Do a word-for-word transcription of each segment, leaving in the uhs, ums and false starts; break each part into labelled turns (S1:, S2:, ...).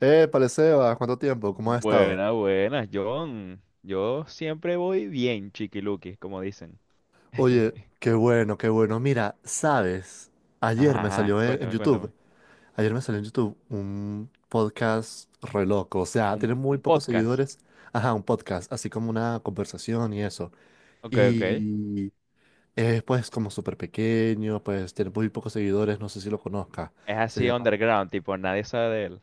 S1: Eh, Paleseba, ¿cuánto tiempo? ¿Cómo has estado?
S2: buena buena John. Yo siempre voy bien, chiquiluki, como dicen.
S1: Oye, qué bueno, qué bueno. Mira, sabes, ayer
S2: Ajá,
S1: me
S2: ajá,
S1: salió en, en
S2: cuéntame,
S1: YouTube,
S2: cuéntame.
S1: ayer me salió en YouTube un podcast re loco, o sea,
S2: ¿Un,
S1: tiene muy
S2: un
S1: pocos
S2: podcast?
S1: seguidores, ajá, un podcast, así como una conversación y eso.
S2: Ok, ok.
S1: Y es pues como súper pequeño, pues tiene muy pocos seguidores, no sé si lo conozca.
S2: Es
S1: Se
S2: así
S1: llama...
S2: underground, tipo, nadie sabe de él.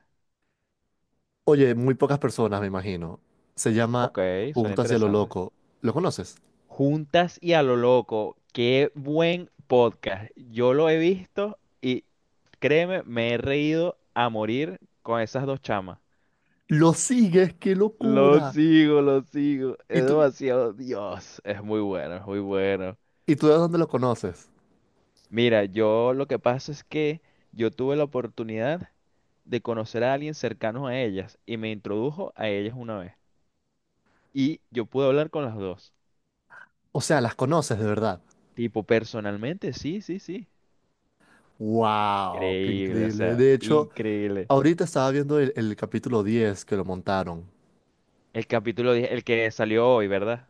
S1: Oye, muy pocas personas, me imagino. Se llama
S2: Ok, suena
S1: Juntas y a lo
S2: interesante.
S1: loco. ¿Lo conoces?
S2: Juntas y a lo loco, qué buen podcast. Yo lo he visto y créeme, me he reído a morir con esas dos chamas.
S1: Lo sigues, qué
S2: Lo
S1: locura.
S2: sigo, lo sigo.
S1: Y
S2: Es
S1: tú,
S2: demasiado, Dios, es muy bueno, es muy bueno.
S1: ¿Y tú de dónde lo conoces?
S2: Mira, yo lo que pasa es que yo tuve la oportunidad de conocer a alguien cercano a ellas y me introdujo a ellas una vez. Y yo pude hablar con las dos.
S1: O sea, las conoces de verdad.
S2: Tipo, personalmente, sí, sí, sí.
S1: ¡Wow! ¡Qué
S2: Increíble, o
S1: increíble!
S2: sea,
S1: De hecho,
S2: increíble.
S1: ahorita estaba viendo el, el capítulo diez que lo montaron.
S2: El capítulo, die- el que salió hoy, ¿verdad?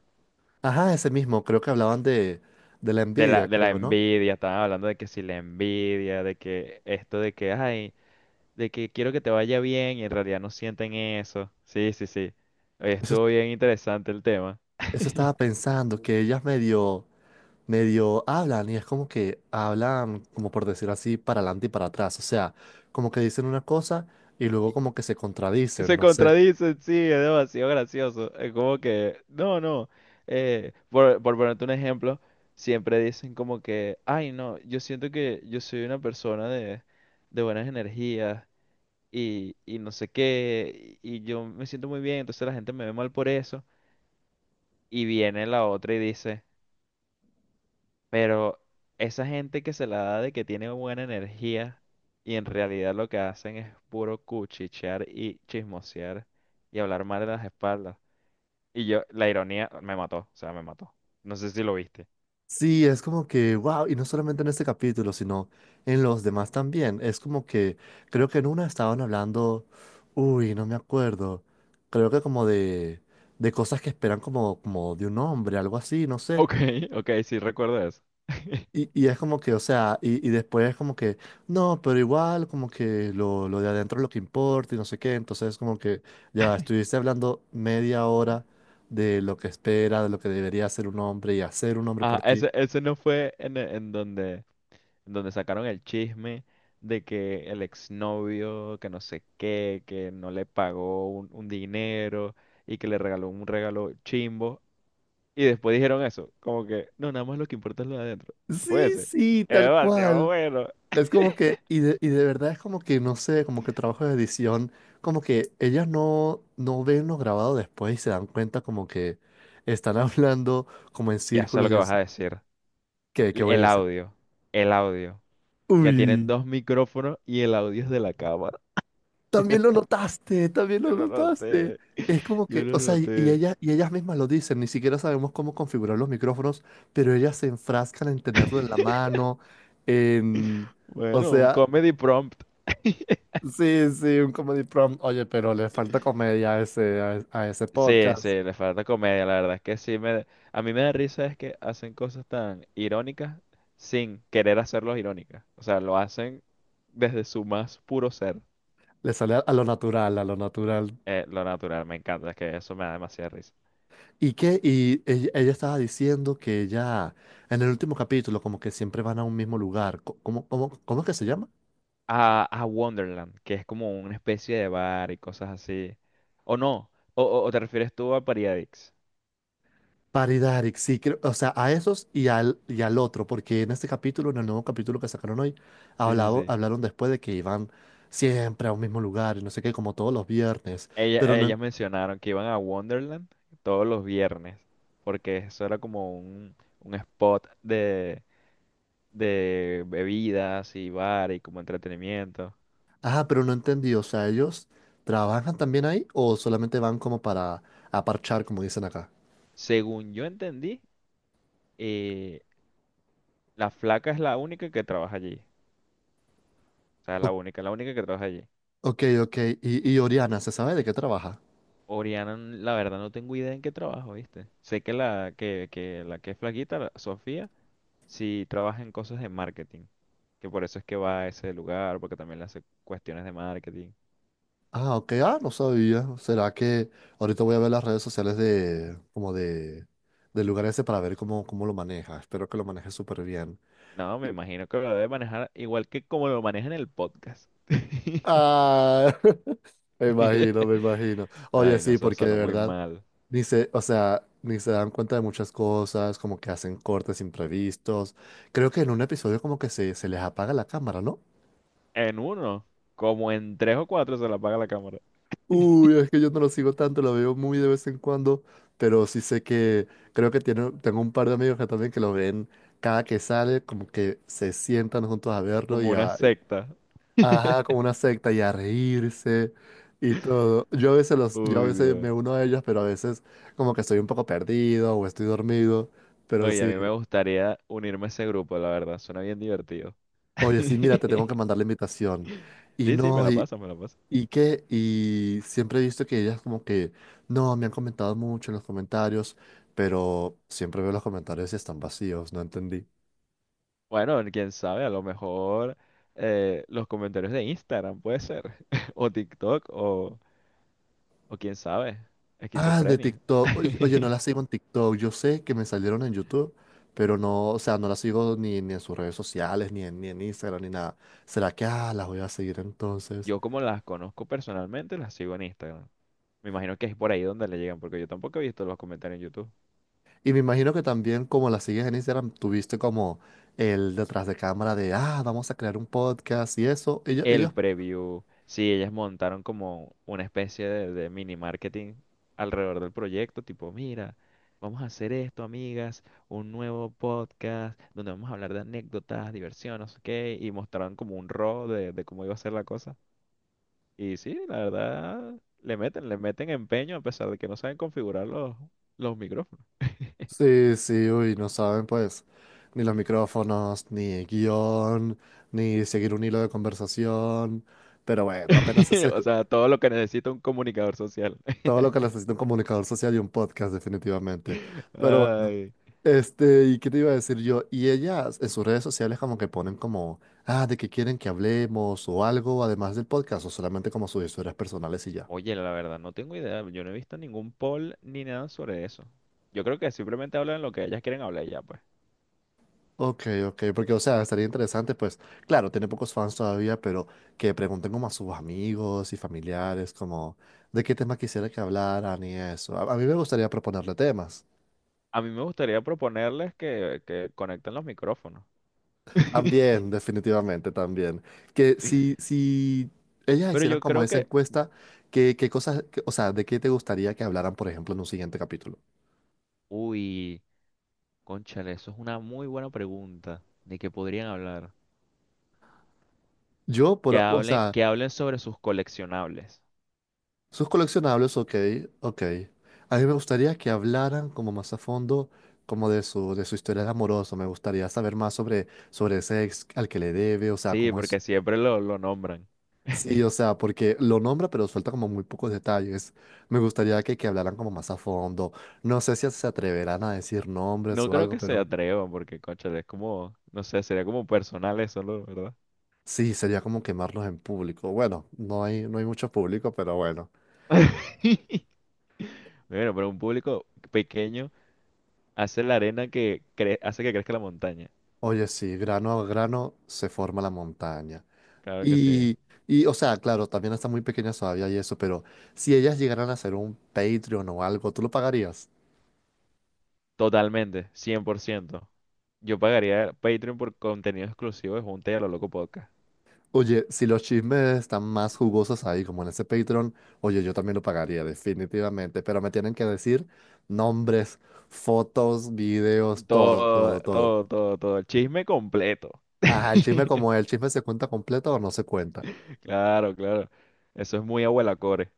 S1: Ajá, ese mismo. Creo que hablaban de, de la
S2: De la,
S1: envidia,
S2: de la
S1: creo, ¿no?
S2: envidia, estaban hablando de que si la envidia, de que esto, de que, ay, de que quiero que te vaya bien y en realidad no sienten eso. Sí, sí, sí. Oye,
S1: Eso,
S2: estuvo bien interesante el tema.
S1: eso estaba pensando, que ellas medio, medio hablan y es como que hablan, como por decir así, para adelante y para atrás. O sea, como que dicen una cosa y luego como que se contradicen,
S2: Se
S1: no sé.
S2: contradicen, sí, es demasiado gracioso. Es como que, no, no. eh, por, por ponerte un ejemplo, siempre dicen como que, ay, no, yo siento que yo soy una persona de, de buenas energías, y, y no sé qué, y, y yo me siento muy bien, entonces la gente me ve mal por eso. Y viene la otra y dice, pero esa gente que se la da de que tiene buena energía y en realidad lo que hacen es puro cuchichear y chismosear y hablar mal de las espaldas. Y yo, la ironía me mató, o sea, me mató. No sé si lo viste.
S1: Sí, es como que, wow, y no solamente en este capítulo, sino en los demás también. Es como que, creo que en una estaban hablando, uy, no me acuerdo, creo que como de, de cosas que esperan como, como de un hombre, algo así, no sé.
S2: Ok, ok, sí recuerdo eso.
S1: Y, y es como que, o sea, y, y después es como que, no, pero igual como que lo, lo de adentro es lo que importa y no sé qué. Entonces es como que, ya va, estuviste hablando media hora de lo que espera, de lo que debería hacer un hombre y hacer un hombre
S2: Ah,
S1: por ti.
S2: ese, ese no fue en, e- en donde, en donde sacaron el chisme de que el exnovio, que no sé qué, que no le pagó un, un dinero y que le regaló un regalo chimbo. Y después dijeron eso, como que, no, nada más lo que importa es lo de adentro. Fue
S1: Sí,
S2: ese.
S1: sí,
S2: Es
S1: tal
S2: demasiado
S1: cual.
S2: bueno.
S1: Es como que, y de, y de verdad es como que, no sé, como que el trabajo de edición, como que ellas no, no ven lo grabado después y se dan cuenta como que están hablando como en
S2: Ya sé lo
S1: círculos
S2: que
S1: y
S2: vas
S1: es,
S2: a decir.
S1: ¿qué, qué
S2: L-
S1: voy a
S2: El
S1: decir?
S2: audio, el audio, que tienen
S1: Uy,
S2: dos micrófonos y el audio es de la cámara.
S1: también lo notaste, también
S2: Yo
S1: lo
S2: lo
S1: notaste.
S2: noté,
S1: Es como
S2: yo
S1: que,
S2: lo
S1: o sea, y, y
S2: noté.
S1: ellas, y ellas mismas lo dicen, ni siquiera sabemos cómo configurar los micrófonos, pero ellas se enfrascan en tenerlo en la mano, en... O
S2: Bueno, un
S1: sea,
S2: comedy prompt.
S1: sí, sí, un comedy prompt. Oye, pero le falta comedia a ese, a, a ese
S2: Sí, sí,
S1: podcast.
S2: le falta comedia, la verdad es que sí me... A mí me da risa es que hacen cosas tan irónicas sin querer hacerlos irónicas. O sea, lo hacen desde su más puro ser,
S1: Le sale a, a lo natural, a lo natural.
S2: eh, lo natural, me encanta, es que eso me da demasiada risa.
S1: ¿Y qué? Y ella, ella estaba diciendo que ya en el último capítulo, como que siempre van a un mismo lugar. Co- ¿Cómo, cómo, cómo es que se llama?
S2: a, a, Wonderland, que es como una especie de bar y cosas así. O no, o, o- o te refieres tú a Pariadix.
S1: Paridaric, sí, creo- o sea, a esos y al, y al otro, porque en este capítulo, en el nuevo capítulo que sacaron hoy,
S2: Sí, sí,
S1: hablado-
S2: sí.
S1: hablaron después de que iban siempre a un mismo lugar y no sé qué, como todos los viernes, pero
S2: Ella-
S1: no,
S2: ellas mencionaron que iban a Wonderland todos los viernes, porque eso era como un, un spot de, de bebidas y bar y como entretenimiento.
S1: ah, pero no entendí, o sea, ¿ellos trabajan también ahí o solamente van como para aparchar, como dicen acá?
S2: Según yo entendí, eh, la flaca es la única que trabaja allí. O sea,
S1: O-
S2: la única, la única que trabaja allí.
S1: ok, ok, y, y Oriana, ¿se sabe de qué trabaja?
S2: Oriana, n- la verdad no tengo idea en qué trabajo, ¿viste? Sé que la que, que la que es flaquita, la- Sofía, sí trabaja en cosas de marketing, que por eso es que va a ese lugar, porque también le hace cuestiones de marketing.
S1: Ah, ok, ah, no sabía. ¿Será que ahorita voy a ver las redes sociales de, como de, del lugar ese para ver cómo, cómo lo maneja? Espero que lo maneje súper bien.
S2: No, me imagino que lo debe manejar igual que como lo maneja en el podcast.
S1: Ah, me imagino, me imagino. Oye,
S2: Ay, no,
S1: sí,
S2: eso
S1: porque de
S2: sonó muy
S1: verdad.
S2: mal.
S1: Ni se, o sea, ni se dan cuenta de muchas cosas, como que hacen cortes imprevistos. Creo que en un episodio como que se, se les apaga la cámara, ¿no?
S2: En uno, como en tres o cuatro se la apaga la cámara.
S1: Uy, es que yo no lo sigo tanto, lo veo muy de vez en cuando, pero sí sé que creo que tiene, tengo un par de amigos que también que lo ven cada que sale, como que se sientan juntos a verlo
S2: Como
S1: y
S2: una
S1: a,
S2: secta.
S1: ajá, como una secta y a reírse y todo. Yo a veces los, yo a
S2: Uy,
S1: veces
S2: Dios.
S1: me uno a ellos, pero a veces como que estoy un poco perdido o estoy dormido, pero
S2: Oye, a
S1: sí.
S2: mí me gustaría unirme a ese grupo, la verdad, suena bien divertido.
S1: Oye, sí, mira, te tengo que mandar la invitación. Y
S2: Sí, sí, me
S1: no,
S2: la
S1: y,
S2: paso, me la paso.
S1: y qué, y siempre he visto que ellas como que, no, me han comentado mucho en los comentarios, pero siempre veo los comentarios y están vacíos, no entendí.
S2: Bueno, quién sabe, a lo mejor eh, los comentarios de Instagram puede ser, o TikTok, o, o quién sabe,
S1: Ah, de
S2: esquizofrenia.
S1: TikTok. Oye, oye, no las sigo en TikTok. Yo sé que me salieron en YouTube, pero no, o sea, no las sigo ni, ni en sus redes sociales, ni en, ni en Instagram, ni nada. ¿Será que, ah, las voy a seguir entonces?
S2: Yo como las conozco personalmente, las sigo en Instagram. Me imagino que es por ahí donde le llegan, porque yo tampoco he visto los comentarios en YouTube.
S1: Y me imagino que también, como la sigues en Instagram, tuviste como el detrás de cámara de, ah, vamos a crear un podcast y eso. Ellos, ellos,
S2: El preview, sí, ellas montaron como una especie de, de, mini marketing alrededor del proyecto, tipo, mira, vamos a hacer esto, amigas, un nuevo podcast donde vamos a hablar de anécdotas, diversión, no sé qué, y mostraron como un raw de, de cómo iba a ser la cosa. Y sí, la verdad, le meten, le meten empeño a pesar de que no saben configurar los, los micrófonos.
S1: sí, sí, uy, no saben pues ni los micrófonos, ni el guión, ni seguir un hilo de conversación. Pero bueno, apenas es
S2: O sea, todo lo que necesita un comunicador social.
S1: todo lo que necesita un comunicador social y un podcast, definitivamente. Pero bueno.
S2: Ay.
S1: Este, ¿y qué te iba a decir yo? Y ellas en sus redes sociales como que ponen como, ah, de que quieren que hablemos o algo, además del podcast, o solamente como sus historias personales y ya.
S2: Oye, la verdad, no tengo idea. Yo no he visto ningún poll ni nada sobre eso. Yo creo que simplemente hablan lo que ellas quieren hablar y ya, pues.
S1: Ok, ok, porque o sea, estaría interesante, pues, claro, tiene pocos fans todavía, pero que pregunten como a sus amigos y familiares, como, de qué tema quisiera que hablaran y eso. A, a mí me gustaría proponerle temas.
S2: A mí me gustaría proponerles que, que conecten los micrófonos.
S1: También, definitivamente, también. Que si, si ellas
S2: Pero
S1: hicieran
S2: yo
S1: como
S2: creo
S1: esa
S2: que...
S1: encuesta, ¿qué, qué cosas, qué- o sea, de qué te gustaría que hablaran, por ejemplo, en un siguiente capítulo?
S2: Uy, cónchale, eso es una muy buena pregunta. ¿De qué podrían hablar?
S1: Yo,
S2: Que
S1: por, o
S2: hablen,
S1: sea,
S2: que hablen sobre sus coleccionables.
S1: sus coleccionables, ok, ok. A mí me gustaría que hablaran como más a fondo, como de su, de su historia de amoroso. Me gustaría saber más sobre, sobre ese ex al que le debe, o sea,
S2: Sí,
S1: cómo es
S2: porque siempre lo, lo nombran.
S1: sí, o sea, porque lo nombra, pero suelta como muy pocos detalles. Me gustaría que, que hablaran como más a fondo. No sé si se atreverán a decir nombres
S2: No
S1: o
S2: creo
S1: algo,
S2: que se
S1: pero
S2: atrevan, porque, cónchale, es como... No sé, sería como personal eso, ¿no? ¿Verdad?
S1: sí, sería como quemarlos en público. Bueno, no hay, no hay mucho público, pero bueno.
S2: Bueno, pero un público pequeño hace la arena que cre- hace que crezca la montaña.
S1: Oye, sí, grano a grano se forma la montaña.
S2: Claro que sí.
S1: Y, y, o sea, claro, también están muy pequeñas todavía y eso, pero si ellas llegaran a hacer un Patreon o algo, ¿tú lo pagarías?
S2: Totalmente, cien por ciento. Yo pagaría Patreon por contenido exclusivo de Junta y a lo Loco Podcast.
S1: Oye, si los chismes están más jugosos ahí, como en ese Patreon, oye, yo también lo pagaría, definitivamente. Pero me tienen que decir nombres, fotos, videos, todo,
S2: Todo,
S1: todo, todo.
S2: todo, todo, todo. El chisme completo.
S1: Ajá, el chisme como el chisme se cuenta completo o no se cuenta.
S2: Claro, claro. Eso es muy abuela core.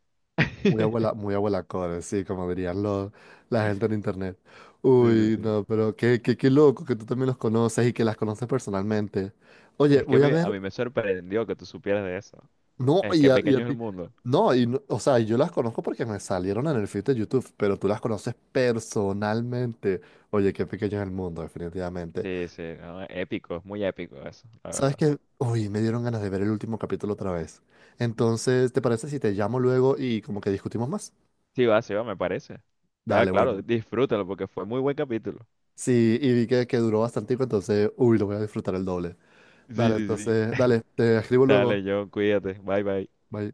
S1: Muy abuela, muy abuela core, sí, como dirían los, la gente en internet.
S2: Sí, sí,
S1: Uy,
S2: sí.
S1: no, pero qué, qué, qué loco que tú también los conoces y que las conoces personalmente. Oye,
S2: Es que
S1: voy a
S2: me- a
S1: ver
S2: mí me sorprendió que tú supieras de eso.
S1: no,
S2: Es
S1: y
S2: que
S1: a, y a
S2: pequeño es el
S1: ti.
S2: mundo.
S1: No, y no- o sea, yo las conozco porque me salieron en el feed de YouTube, pero tú las conoces personalmente. Oye, qué pequeño es el mundo, definitivamente.
S2: Sí, sí, no, épico, es muy épico eso, la
S1: ¿Sabes
S2: verdad.
S1: qué? Uy, me dieron ganas de ver el último capítulo otra vez. Entonces, ¿te parece si te llamo luego y como que discutimos más?
S2: Sí va, sí va, me parece. Ah,
S1: Dale,
S2: claro,
S1: bueno.
S2: disfrútalo porque fue muy buen capítulo.
S1: Sí, y vi que, que duró bastante, entonces, uy, lo voy a disfrutar el doble.
S2: Sí,
S1: Dale,
S2: sí, sí.
S1: entonces, dale, te escribo
S2: Dale,
S1: luego.
S2: John, cuídate. Bye, bye.
S1: Bye.